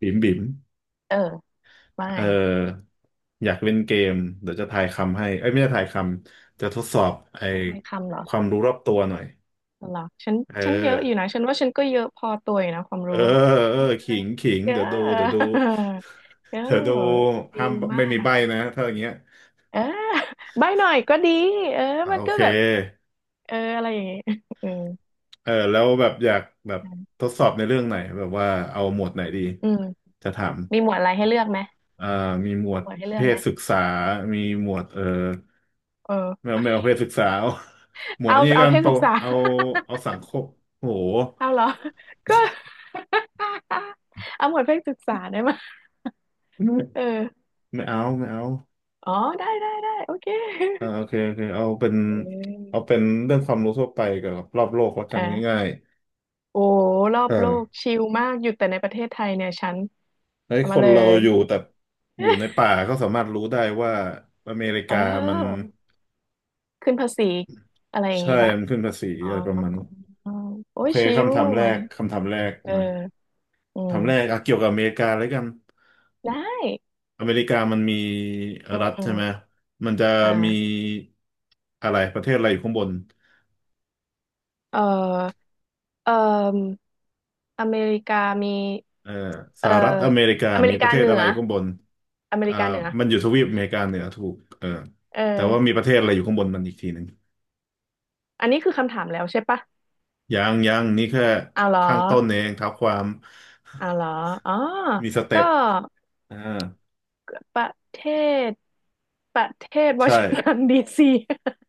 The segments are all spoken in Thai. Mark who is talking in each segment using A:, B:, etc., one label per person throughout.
A: บิ๋มบิ๋ม
B: เออว่า
A: เอ
B: ไง
A: ออยากเล่นเกมเดี๋ยวจะทายคำให้เอ้ยไม่ใช่ทายคำ จะทดสอบไอ้
B: ม่ทายคำเหรอ
A: ความรู้รอบตัวหน่อย
B: เหรอฉัน
A: เอ
B: เยอะอยู่
A: อ
B: นะฉันว่าฉันก็เยอะพอตัวอยู่นะความ
A: เออ
B: รู้อะ
A: เออขิงขิง
B: เย
A: เดี๋
B: อะ
A: ยวดูเดี๋ยวดู
B: เยอ
A: เดี๋ยวดู
B: ะชิ
A: ห้า
B: ล
A: ม
B: มา
A: ไม่มี
B: ก
A: ใบ้นะถ้าอย่างเงี้ย
B: เออใบหน่อยก็ดีเออ
A: อ่ะ
B: มัน
A: โอ
B: ก็
A: เค
B: แบบเอออะไรอย่างงี้ เออ
A: เออแล้วแบบอยากแบบทดสอบในเรื่องไหน แบบว่าเอาหมวดไหนดี
B: อืม
A: จะถาม
B: มีหมวดอะไรให้เลือกไหม
A: อ่ามีหม
B: มี
A: วด
B: หมวดให้เลื
A: เพ
B: อกไห
A: ศ
B: ม
A: ศึกษา มีหมวด
B: เอ
A: ไม่
B: อ
A: เอาไม่เอาเพศศึกษา เอาหมวด
B: เอา
A: อันนี้
B: เอา
A: กัน
B: เพศ
A: โต
B: ศึกษา
A: เอาเอา สังคมโห
B: เอาเหรอก็ เอาหมวดเพศศึกษาได้ไหม
A: ไม่
B: เออ
A: ไม่เอาไม่เอา
B: อ๋อได้ได้ได้โอเค
A: อ่าโอเคโอเคเอาเป็น
B: เออ
A: เอาเป็นเรื่องความรู้ทั่วไปกับรอบโลกแล้วกัน
B: อ่า
A: ง่าย
B: โอ้รอ
A: ๆ
B: บ
A: เออ
B: โลกชิลมากอยู่แต่ในประเทศไทยเนี่ยฉัน
A: ไอ้
B: เอา
A: ค
B: มา
A: น
B: เล
A: เรา
B: ย
A: อยู่แต่อยู่ในป่า ก็สามารถรู้ได้ว่าอเมริ
B: เอ
A: กามัน
B: อขึ้นภาษีอะไรอย่าง
A: ใช่
B: งี้ปะ
A: มันขึ้นภาษี
B: อ๋อ
A: อะไรประมาณนี้น
B: โอ้
A: โอ
B: ย
A: เค
B: ชิล
A: คำถามแร
B: มา
A: ก
B: เลย
A: คำถามแรก
B: เออ
A: มา
B: อื
A: คำถาม
B: ม
A: แรกเอาเกี่ยวกับอเมริกาแล้วกัน
B: ได้
A: อเมริกามันมี
B: อื
A: รั
B: ม
A: ฐ
B: อ
A: ใช่
B: ม
A: ไหม มันจะ
B: อ่า
A: มีอะไรประเทศอะไรอยู่ข้างบน
B: เออเอออเมริกามี
A: เอ่อส
B: เออ
A: หรัฐอเมริกา
B: อเม
A: มี
B: ริ
A: ป
B: กา
A: ระเทศ
B: เหนื
A: อะไร
B: อ
A: อยู่ข้างบน
B: อเม
A: อ่า
B: ริกาเหนือ
A: มันอยู่ทวีปอเมริกาเหนือถูกเออ
B: เออ
A: แต่ว่ามีประเทศอะไรอยู่ข้างบนมันอีกทีหนึ่ง
B: อันนี้คือคำถามแล้วใช่ปะ
A: ยังยังนี่แค่
B: เอาเหรอ
A: ข้างต้นเองเท้าความ
B: เอาเหรออ๋อ
A: มีสเต็
B: ก็
A: ปอ่า
B: ประเทศประเทศวอ
A: ใช่
B: ชิงตันดีซี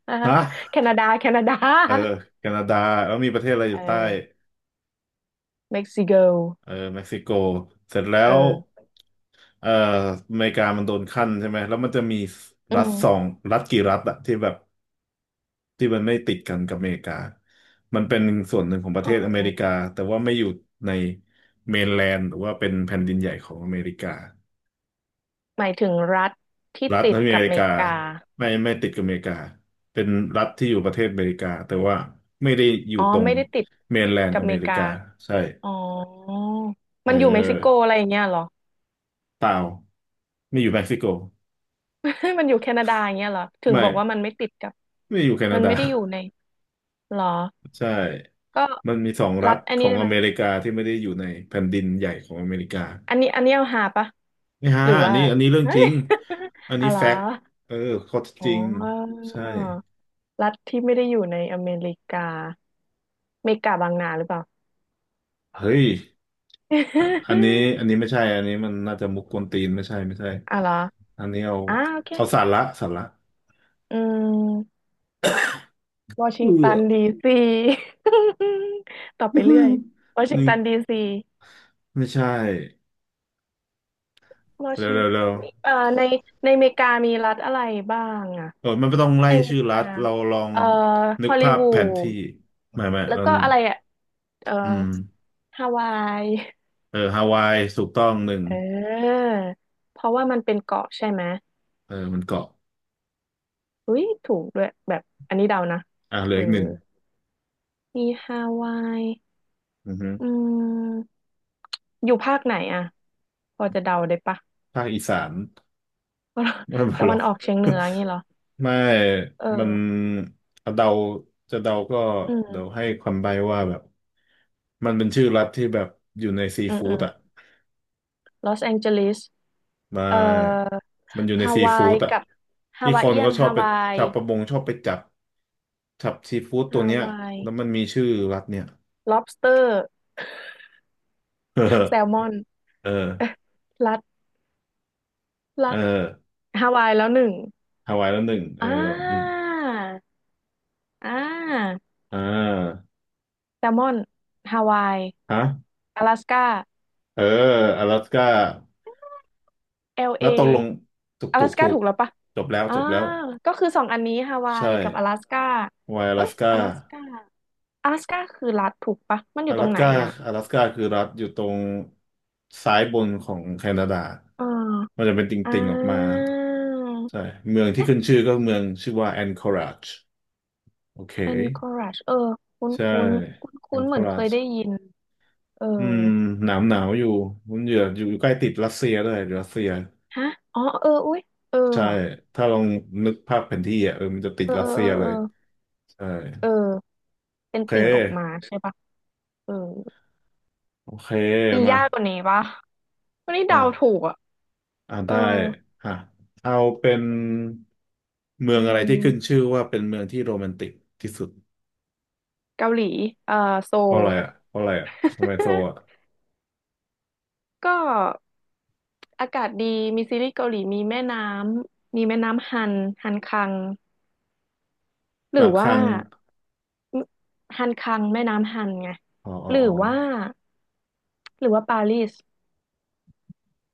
B: อ่าฮะ
A: ฮะ
B: แคนาดาแคนาดา
A: เออแคนาดาแล้วมีประเทศอะไรอ
B: เอ
A: ยู่ใต้
B: อเม็กซิโก
A: เออเม็กซิโกเสร็จแล้
B: เ
A: ว
B: ออ
A: เอ่ออเมริกามันโดนขั้นใช่ไหมแล้วมันจะมี
B: อื
A: รัฐสอ
B: ม
A: งรัฐกี่รัฐอะที่แบบที่มันไม่ติดกันกับอเมริกามันเป็นส่วนหนึ่งของประ
B: อ๋
A: เท
B: อ
A: ศอเมริกาแต่ว่าไม่อยู่ในเมนแลนด์หรือว่าเป็นแผ่นดินใหญ่ของอเมริกา
B: หมายถึงรัฐที่
A: รัฐ
B: ติ
A: ใน
B: ด
A: อเม
B: กับ
A: ริ
B: เม
A: กา
B: กา
A: ไม่ไม่ติดกับอเมริกาเป็นรัฐที่อยู่ประเทศอเมริกาแต่ว่าไม่ได้อยู่
B: อ๋อ
A: ตรง
B: ไม่ได้ติด
A: เมนแลน
B: กั
A: ด์
B: บ
A: อเม
B: เม
A: ริ
B: กา
A: กาใช่
B: อ๋อ
A: เ
B: มันอยู่เม็กซิโก
A: ออ
B: อะไรอย่างเงี้ยเหรอ
A: เปล่าไม่อยู่เม็กซิโก
B: มันอยู่แคนาดาอย่างเงี้ยเหรอถึง
A: ไม่
B: บอกว่ามันไม่ติดกับ
A: ไม่อยู่แค
B: มั
A: นา
B: น
A: ดา
B: ไม่ได้อยู่ในเหรอ
A: ใช่
B: ก็
A: มันมีสอง
B: รั
A: รัฐ
B: ฐอัน
A: ขอ
B: นี้
A: ง
B: ได้ไห
A: อ
B: มย
A: เมริกาที่ไม่ได้อยู่ในแผ่นดินใหญ่ของอเมริกา
B: อันนี้อันนี้เอาหาปะ
A: นี่ฮะ
B: หรือ
A: อัน
B: ว่า
A: นี้อันนี้เรื่ อง
B: อะ
A: จริง
B: ไ
A: อัน
B: ร
A: นี้
B: อ
A: แฟกต์เออข้อเท็จ
B: อ๋
A: จ
B: อ
A: ริงใช่
B: รัฐที่ไม่ได้อยู่ในอเมริกา เมกาบางนาหรือเปล่า
A: เฮ้ยอ่ะอันนี้อันนี้ไม่ใช่อันนี้มันน่าจะมุกกวนตีนไม่ใช่ไม่ใช่
B: อ่ะเหรอ
A: อันนี้เอา
B: อ่าโอเค
A: เอาสาระสาระ
B: อืมวอชิ
A: เอ
B: ง
A: อ
B: ตันดีซี ต่อไปเรื่อยวอ ชิง
A: นี่
B: ตันดีซี
A: ไม่ใช่
B: วอ
A: เร็ว
B: ชิง
A: เร็ว
B: ตัน
A: เร็ว
B: ในในอเมริกามีรัฐอะไรบ้างอะ
A: เออมันไม่ต้องไล่
B: ในอเม
A: ชื่อ
B: ริ
A: รั
B: กา
A: ฐเราลอง
B: เอ่อ
A: นึ
B: ฮ
A: ก
B: อลลี
A: ภาพ
B: วู
A: แผน
B: ด
A: ที่ไม่ไม่
B: แล้ว
A: เรา
B: ก็อะไรอะเอ่อ
A: อืม
B: ฮาวาย
A: เออฮาวายถูกต้องหนึ่ง
B: เออเพราะว่ามันเป็นเกาะใช่ไหม
A: เออมันเกาะ
B: อุ้ยถูกด้วยแบบอันนี้เดานะ
A: อ่ะเหลือ
B: เออ
A: อีกหนึ่ง
B: มีฮาวาย
A: อือฮึ
B: อืมอยู่ภาคไหนอ่ะพอจะเดาได้ปะ
A: ภาคอีสานไม่ มา
B: ตะ
A: หร
B: วั
A: อ
B: น
A: ก
B: ออกเฉียงเหนืออย่างงี้เหรอ
A: ไม่
B: เอ
A: มัน
B: อ
A: เดา จะเดาก็
B: อื
A: เดี๋ยว
B: ม
A: ให้ความใบ้ว่าแบบมันเป็นชื่อรัฐที่แบบอยู่ในซี
B: อืมอื
A: ฟู้ด
B: ม
A: อ่ะ
B: ลอสแองเจลิส
A: ไม
B: เอ่อ
A: ามันอยู่ใน
B: ฮา
A: ซี
B: วา
A: ฟู้
B: ย
A: ดอ่ะ
B: กับฮา
A: ที่
B: วา
A: ค
B: ย
A: น
B: เอีย
A: ก็
B: น
A: ชอ
B: ฮา
A: บไป
B: วาย
A: ชาวประมงชอบไปจับจับซีฟู้ดตั
B: ฮา
A: วเนี้ย
B: วาย
A: แล้วมันมีชื่อรัฐเนี่ย
B: lobster
A: เออ
B: แซลมอน
A: เออ
B: เอ๊ะ รัดรั
A: เออ
B: ดฮาวายแล้วหนึ่ง
A: ฮาวายแล้วหนึ่งเอ
B: อ่
A: ออม
B: าอ่า
A: อ่า
B: แซลมอนฮาวาย
A: ฮะ
B: 阿拉斯า
A: เอออลาสก้า แล้
B: LA
A: วตกลงถูก
B: 阿拉
A: ถูก
B: ส
A: ถู
B: ก้า
A: ก
B: ถูกแล้วปะ
A: จบแล้ว
B: อ่า
A: จบแล้ว
B: ก็คือสองอันนี้ฮาวา
A: ใช่
B: ยกับ阿拉สก้า
A: ไวอ
B: เอ้
A: ลา
B: ย
A: สก้า
B: 阿拉สก้า阿拉สก้าคือรัฐถูกปะมันอ
A: อ
B: ยู่ตร
A: ลา
B: ง
A: ส
B: ไหน
A: ก้า
B: อ่ะ
A: อลาสก้าคือรัฐอยู่ตรงซ้ายบนของแคนาดา
B: อ่
A: มัน
B: า
A: จะเป็นต
B: อ่
A: ิ่งๆออกมา
B: า
A: ใช่เมืองที่ขึ้นชื่อก็เมืองชื่อว่าแอนคอราจโอเค
B: Anchorage เออคุ้น
A: ใช่
B: คุ้นคุ้น
A: แอ
B: คุ้
A: น
B: นๆ
A: ค
B: เหมื
A: อ
B: อน
A: รา
B: เค
A: จ
B: ยได้ยิน เออ
A: อืมหนาวหนาวอยู่มันอยู่อยู่ใกล้ติดรัสเซียด้วยรัสเซีย
B: ฮะ อ๋อเอออุ้ยเออ
A: ใช่
B: ว่ะ
A: ถ้าลองนึกภาพแผนที่อ่ะเออมันจะติ
B: เอ
A: ด
B: อ
A: รั
B: เอ
A: ส
B: อ
A: เซี
B: เอ
A: ย
B: อ
A: เล
B: เออ
A: ยใช่
B: เออเป็น
A: โอเค
B: ติ่งออกมาใช่ปะเออ
A: โอเค
B: มี
A: มา
B: ยากกว่านี้ปะวันนี้เดาถู
A: อ่า
B: กอ่ะ
A: อ่า
B: เออ
A: ได้อ่ะเอาเป็นเมือ
B: อื
A: งอะไรที่ขึ้น
B: ม
A: ชื่อว่าเป็นเมืองที่โรแมนติกที่สุด
B: เกาหลีเอ่อโซ
A: เพ
B: ล
A: ราะอะไรอ่ะเพราะอะไรอ่ะทำไมโซอ่ะ
B: ก็อากาศดีมีซีรีส์เกาหลีมีแม่น้ำมีแม่น้ำฮันฮันคังหรื
A: บา
B: อ
A: งค
B: ว่า
A: รั้ง
B: ฮันคังแม่น้ำฮันไง
A: อ๋ออ๋อ
B: หรื
A: อ๋
B: อ
A: อ
B: ว่าหรือว่าปารีส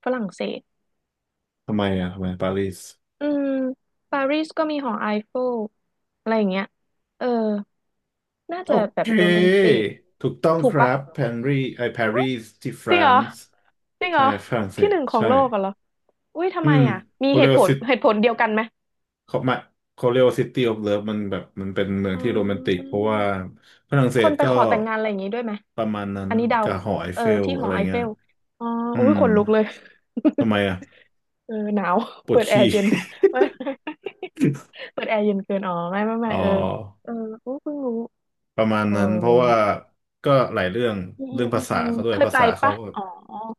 B: ฝรั่งเศส
A: ทำไมอ่ะทำไมปารีส
B: อืมปารีสก็มีหอไอเฟลอะไรอย่างเงี้ยเออน่า
A: โอ
B: จะแบ
A: เค
B: บโรแมนติก
A: ถูกต้อง
B: ถู
A: ค
B: ก
A: รั
B: ปะ
A: บปารีสไอปารีสที่ฝ
B: จริ
A: รั่
B: งเหรอ
A: ง
B: จริงเหร
A: ใช่
B: อ
A: ฝรั่งเศ
B: ที่
A: ส
B: หนึ่งของ
A: ใช่
B: โลกอะเหรออุ้ยทำ
A: อื
B: ไม
A: ม
B: อ่ะมี
A: โอ
B: เห
A: เล
B: ตุผ
A: วา
B: ล
A: ซิ
B: เหตุผลเดียวกันไหม
A: เขาหมายเขาเรียกว่าซิตี้ออฟเลิฟมันแบบมันเป็นเมือง
B: อ๋อ
A: ที่โรแมนติกเพราะว่าฝรั่งเศ
B: ค
A: ส
B: นไป
A: ก็
B: ขอแต่งงานอะไรอย่างงี้ด้วยไหม
A: ประมาณนั้น
B: อันนี้เดา
A: กับหอไอ
B: เออ
A: เฟล
B: ที่ห
A: อะ
B: อ
A: ไร
B: ไอเฟ
A: เงี้ย
B: ลอ๋อ
A: อื
B: อุ้ย
A: ม
B: ขนลุกเลย
A: ทำไมอ่ะ
B: เออหนาว
A: ปว
B: เปิ
A: ด
B: ดแอร์
A: ขี้
B: เย็น เออเปิดแอร์เย็นเกินอ๋อไม่ไม่
A: อ๋
B: ไม่
A: อ
B: เออเออโอ้เพิ่งรู้
A: ประมาณ
B: เออ
A: นั้นเพราะว่าก็หลายเรื่องเรื่องภาษาเขาด้ว
B: เค
A: ย
B: ย
A: ภา
B: ไป
A: ษาเขา
B: ปะ
A: ก็
B: อ๋อ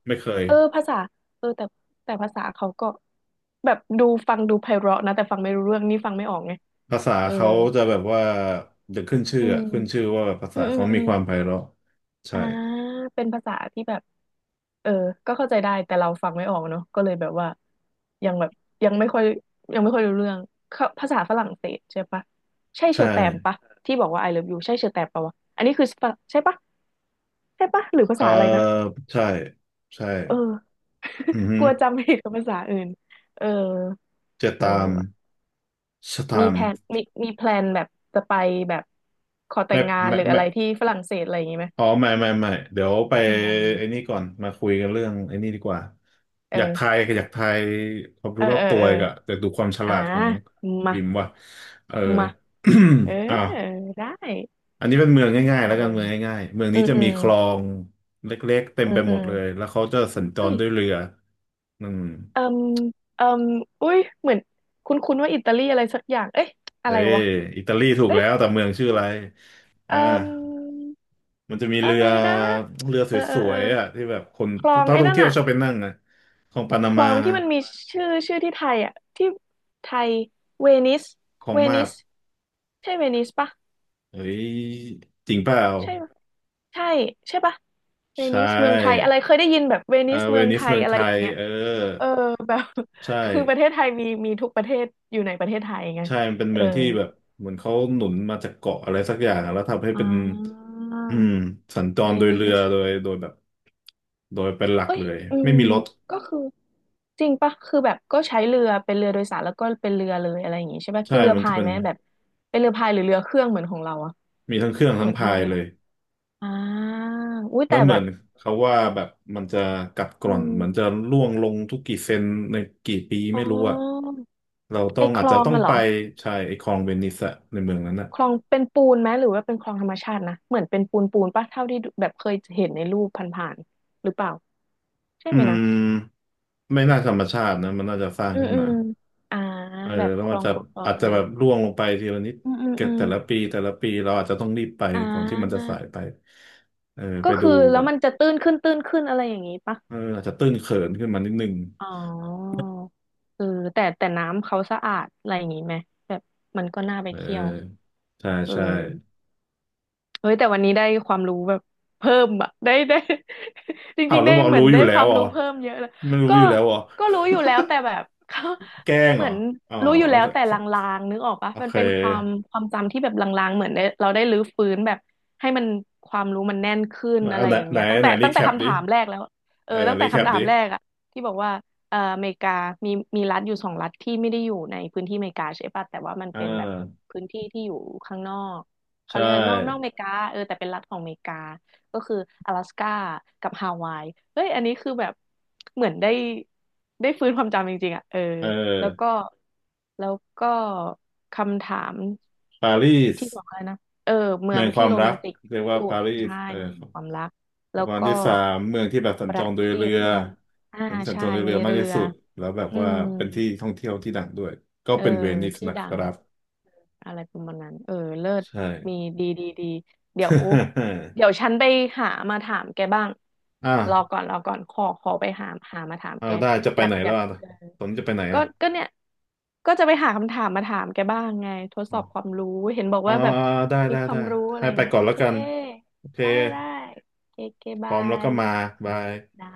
A: ไม่เคย
B: เออภาษาเออแต่แต่ภาษาเขาก็แบบดูฟังดูไพเราะนะแต่ฟังไม่รู้เรื่องนี่ฟังไม่ออกไง
A: ภาษา
B: เออ
A: เขาจะแบบว่าเดขึ้นชื่อ
B: อื
A: อะ
B: ม
A: ขึ้นชื่อว่าภา
B: อื
A: ษา
B: มอืม
A: เขา
B: อื
A: มี
B: ม
A: ความไพเราะใช่
B: อ่าเป็นภาษาที่แบบ เออก็เข้าใจได้ แต่เราฟังไม่ออกเนาะก็เลยแบบว่ายังแบบยังไม่ค่อยยังไม่ค่อยรู้เรื่องเขาภาษาฝรั่งเศสใช่ปะใช่เช
A: ใช่
B: อแตมปะที่บอกว่า I love you ใช่เชอแตมปะวะอันนี้คือฝรั่งใช่ปะใช่ปะหรือภา
A: เออ
B: ษาอะไรนะ
A: ใช่ใช่
B: เออ
A: อือ ฮึ
B: กลัวจำผิดกับภาษาอื่นเออ
A: จะ
B: เออ
A: ตาม
B: ว่ะ
A: ส
B: มี
A: ถาม
B: แพลน
A: ป
B: มีมีแพลนแบบจะไปแบบขอแต่
A: ไม่
B: งงาน
A: ไม่
B: หรืออะ
A: ไม่
B: ไรที่ฝรั่งเศสอะไรอย่างงี้ไหม
A: อ๋อไม่ไม่ไม่เดี๋ยวไป
B: อ๋
A: ไอ้
B: อ
A: นี่ก่อนมาคุยกันเรื่องไอ้นี่ดีกว่าอยากทา
B: เออ
A: ยอยากทายความ
B: เอ
A: รู้
B: อ
A: รอบ
B: เออ
A: ตัว
B: เออ
A: อีกอะแต่ดูความฉ
B: อ่า
A: ลาดของ
B: มา
A: บิมว่ะเออ
B: มาเออ
A: อ้าว
B: ได้
A: อันนี้เป็นเมืองง่ายๆแล้
B: มา
A: วกั
B: เล
A: น
B: ย
A: เมืองง่ายๆเมือง
B: อื
A: นี้
B: ม
A: จะ
B: อื
A: มี
B: ม
A: คลองเล็กๆเต็ม
B: อื
A: ไป
B: ม
A: ห
B: อื
A: มด
B: ม
A: เลยแล้วเขาจะสัญจ
B: เฮ้
A: ร
B: ย
A: ด้วยเรืออืม
B: เอืมเอืมอุ้ยเหมือนคุ้นๆว่าอิตาลีอะไรสักอย่างเอ๊ะอะ
A: เอ้
B: ไร
A: ย
B: วะ
A: อิตาลีถูกแล้
B: เอ๊ะ
A: วแต่เมืองชื่ออะไร
B: เอื
A: อ่า
B: ม
A: มันจะมี
B: อะ
A: เรื
B: ไร
A: อ
B: นะ
A: เรือส
B: เออเออ
A: ว
B: เออ
A: ยๆอ่ะที่แบบคน
B: คล
A: ทุ
B: อ
A: ก
B: ง
A: ท่า
B: ไอ้
A: ท่อง
B: นั่น
A: เที่ยว
B: อะ
A: ชอบไปนั่งนะของปานา
B: คล
A: มา
B: องที่มันมีชื่อชื่อที่ไทยอะที่ไทยเวนิส
A: ของ
B: เว
A: มา
B: นิ
A: ด
B: สใช่เวนิสปะ
A: เฮ้ยจริงเปล่า
B: ใช่ปะใช่ใช่ปะเว
A: ใช่
B: นิสเมืองไทยอะไรเคยได้ยินแบบเว
A: เอ
B: นิ
A: อ
B: ส
A: เว
B: เมือง
A: นิ
B: ไท
A: ส
B: ย
A: เมือง
B: อะ
A: ไท
B: ไรอย่า
A: ย
B: งเงี้ย
A: เออ
B: แบบ
A: ใช่
B: คือประเทศไทยมีทุกประเทศอยู่ในประเทศไทยไง
A: ใช่มันเป็น
B: เอ
A: เมื
B: อ
A: องที่แบบเหมือนเขาหนุนมาจากเกาะอะไรสักอย่างอะแล้วทำให้
B: อ่
A: เป็น
B: า
A: อืมสัญจ
B: เว
A: รโดย
B: นิ
A: เรือ
B: ส
A: โดยโดยแบบโดยเป็นหลัก
B: เอ้ย
A: เลย
B: อื
A: ไม่
B: ม
A: มีรถ
B: ก็คือจริงปะคือแบบก็ใช้เรือเป็นเรือโดยสารแล้วก็เป็นเรือเลยอะไรอย่างงี้ใช่ปะ
A: ใช่
B: คือเรือ
A: มันจะ
B: พาย
A: เป็น
B: ไหมแบบเป็นเรือพายหรือเรือเครื่องเหมือนของเราอะ
A: มีทั้งเครื่อง
B: เห
A: ทั้
B: มื
A: ง
B: อนที่
A: พา
B: ป
A: ย
B: ระเทศ
A: เล
B: เรา
A: ย
B: อ่าอุ้ย
A: แล้
B: แต่
A: วเห
B: แบ
A: มือ
B: บ
A: นเขาว่าแบบมันจะกัดก
B: อื
A: ร่อนมันจะ
B: ม
A: ร่วงลงทุกกี่เซนในกี่ปี
B: อ๋
A: ไม่รู้อะ
B: อ
A: เราต้
B: ไอ
A: อง
B: ค
A: อาจ
B: ล
A: จะ
B: อง
A: ต้อง
B: อะเหร
A: ไป
B: อ
A: ใช่ไอ้คลองเวนิสอะในเมืองนั้นอะ
B: คลองเป็นปูนไหมหรือว่าเป็นคลองธรรมชาตินะเหมือนเป็นปูนปูนปะเท่าที่ดูแบบเคยเห็นในรูปผ่านๆหรือเปล่าใช่
A: อื
B: ไหมนะ
A: มไม่น่าธรรมชาตินะมันน่าจะสร้าง
B: อืม
A: ขึ้น
B: อื
A: มา
B: มอ่า
A: เออ
B: แบบ
A: แล้ว
B: ค
A: มั
B: ล
A: น
B: อง
A: จะ
B: ขุดคลอง
A: อาจ
B: อะไร
A: จะ
B: อ
A: แบ
B: ย่าง
A: บ
B: งี้
A: ร่วงลงไปทีละนิด
B: อืมอืม
A: เกิ
B: อื
A: ด
B: ม
A: แต่ละปีแต่ละปีเราอาจจะต้องรีบไป
B: อ่
A: ก่อนที่มันจะ
B: า
A: สายไปเออไป
B: ก็
A: ดู
B: คือแล้
A: ก่อ
B: ว
A: น
B: มันจะตื้นขึ้นตื้นขึ้นอะไรอย่างงี้ปะ
A: เอออาจจะตื้นเขินขึ้นมานิดนึง
B: อ๋อเออแต่น้ำเขาสะอาดอะไรอย่างงี้ไหมแบบมันก็น่าไป
A: เอ
B: เที่ยว
A: อใช่
B: เออ
A: ใช่
B: เฮ้ยแต่วันนี้ได้ความรู้แบบเพิ่มอะได้ จ
A: อ้า
B: ริ
A: ว
B: งๆ
A: แล้ว
B: ได้
A: บอก
B: เหมือ
A: รู้
B: น
A: อ
B: ได้
A: ยู่แล้
B: ควา
A: ว
B: ม
A: เหรอ
B: รู้เพิ่มเยอะเลย
A: ไม่รู้
B: ก็
A: อยู่แล้วเหรอ
B: ก็รู้อยู่แล้วแต่แบบเขา
A: แกล้ง
B: เห
A: เหร
B: มื
A: อ
B: อน
A: อ๋อ
B: รู้อยู่แล้วแต่ลางๆนึกออกปะ
A: โอ
B: มัน
A: เค
B: เป็นความจำที่แบบลางๆเหมือนได้เราได้รื้อฟื้นแบบให้มันความรู้มันแน่นขึ้นอะ
A: เอา
B: ไร
A: ไหน
B: อย่าง
A: ไหน
B: เงี้ยตั้ง
A: ไหน
B: แต่
A: รี
B: ตั้ง
A: แค
B: แต่
A: ป
B: คำ
A: ดิ
B: ถามแรกแล้วเอ
A: เอ
B: อ
A: อ
B: ตั้งแต่
A: รีแค
B: คำ
A: ป
B: ถา
A: ดิ
B: มแรกอะที่บอกว่าอเมริกามีมีรัฐอยู่2 รัฐที่ไม่ได้อยู่ในพื้นที่อเมริกาใช่ปะแต่ว่ามัน
A: อ่
B: เป็นแบบ
A: า
B: พื้นที่ที่อยู่ข้างนอก
A: ใช
B: เขาเรียกว่านอกอ
A: ่
B: เมริกาเออแต่เป็นรัฐของอเมริกาก็คือ阿拉斯ก้ากับฮาวายเฮ้ยอันนี้คือแบบเหมือนได้ฟื้นความจำจริงๆอ่ะเออ
A: เอ
B: แล้วก็
A: อ
B: แล้วก็คำถาม
A: ปารีส
B: ที่สองอะไรนะเออเมื
A: เมื
B: อง
A: องค
B: ที่
A: วาม
B: โร
A: รั
B: แม
A: ก
B: นติก
A: เรี
B: ที่
A: ยกว่า
B: สุด
A: ปารีส
B: ใช่
A: เออ
B: เมืองแห่งความรัก
A: แล้
B: แล้
A: ว
B: ว
A: ก็อัน
B: ก็
A: ที่สามเมืองที่แบบสัญ
B: ป
A: จ
B: ระ
A: รโด
B: เท
A: ยเรื
B: ศ
A: อ
B: เมืองอ่า
A: เมืองที่สัญจ
B: ใช่
A: รโดยเรื
B: มี
A: อมาก
B: เรื
A: ที่
B: อ
A: สุดแล้วแบบ
B: อื
A: ว่า
B: ม
A: เป็นที่ท่องเที่ยวที่ดังด้วย ก็
B: เออ
A: เป็นเวนิส
B: ที่
A: นะ
B: ดั
A: ค
B: ง
A: รับ
B: อะไรประมาณนั้นเออเลิศ
A: ใช่
B: มีดีเดี๋ยวเดี๋ยวฉันไปหามาถามแกบ้าง
A: อ่า
B: รอก่อนรอก่อนขอไปหาหามาถาม
A: อ่า
B: แก
A: ได้จะ
B: อ
A: ไป
B: ยาก
A: ไหน
B: อ
A: แล้
B: ยา
A: ว
B: ก
A: อ่ะ
B: เออ
A: ตอนนี้จะไปไหน
B: ก็
A: อ่ะ
B: ก็เนี่ยก็จะไปหาคำถามมาถามแกบ้างไงทดสอบความรู้เห็นบอก
A: อ่า
B: ว่าแบบ
A: ได้
B: มี
A: ได้
B: ควา
A: ได้
B: มรู้อะไร
A: ให้ไป
B: เงี้ย
A: ก่อ
B: โอ
A: นแล้ว
B: เค
A: กันโอเค
B: ได้โอเคโอเค
A: พ
B: บา
A: ร้อมแล้วก็
B: ย
A: มาบาย
B: ได้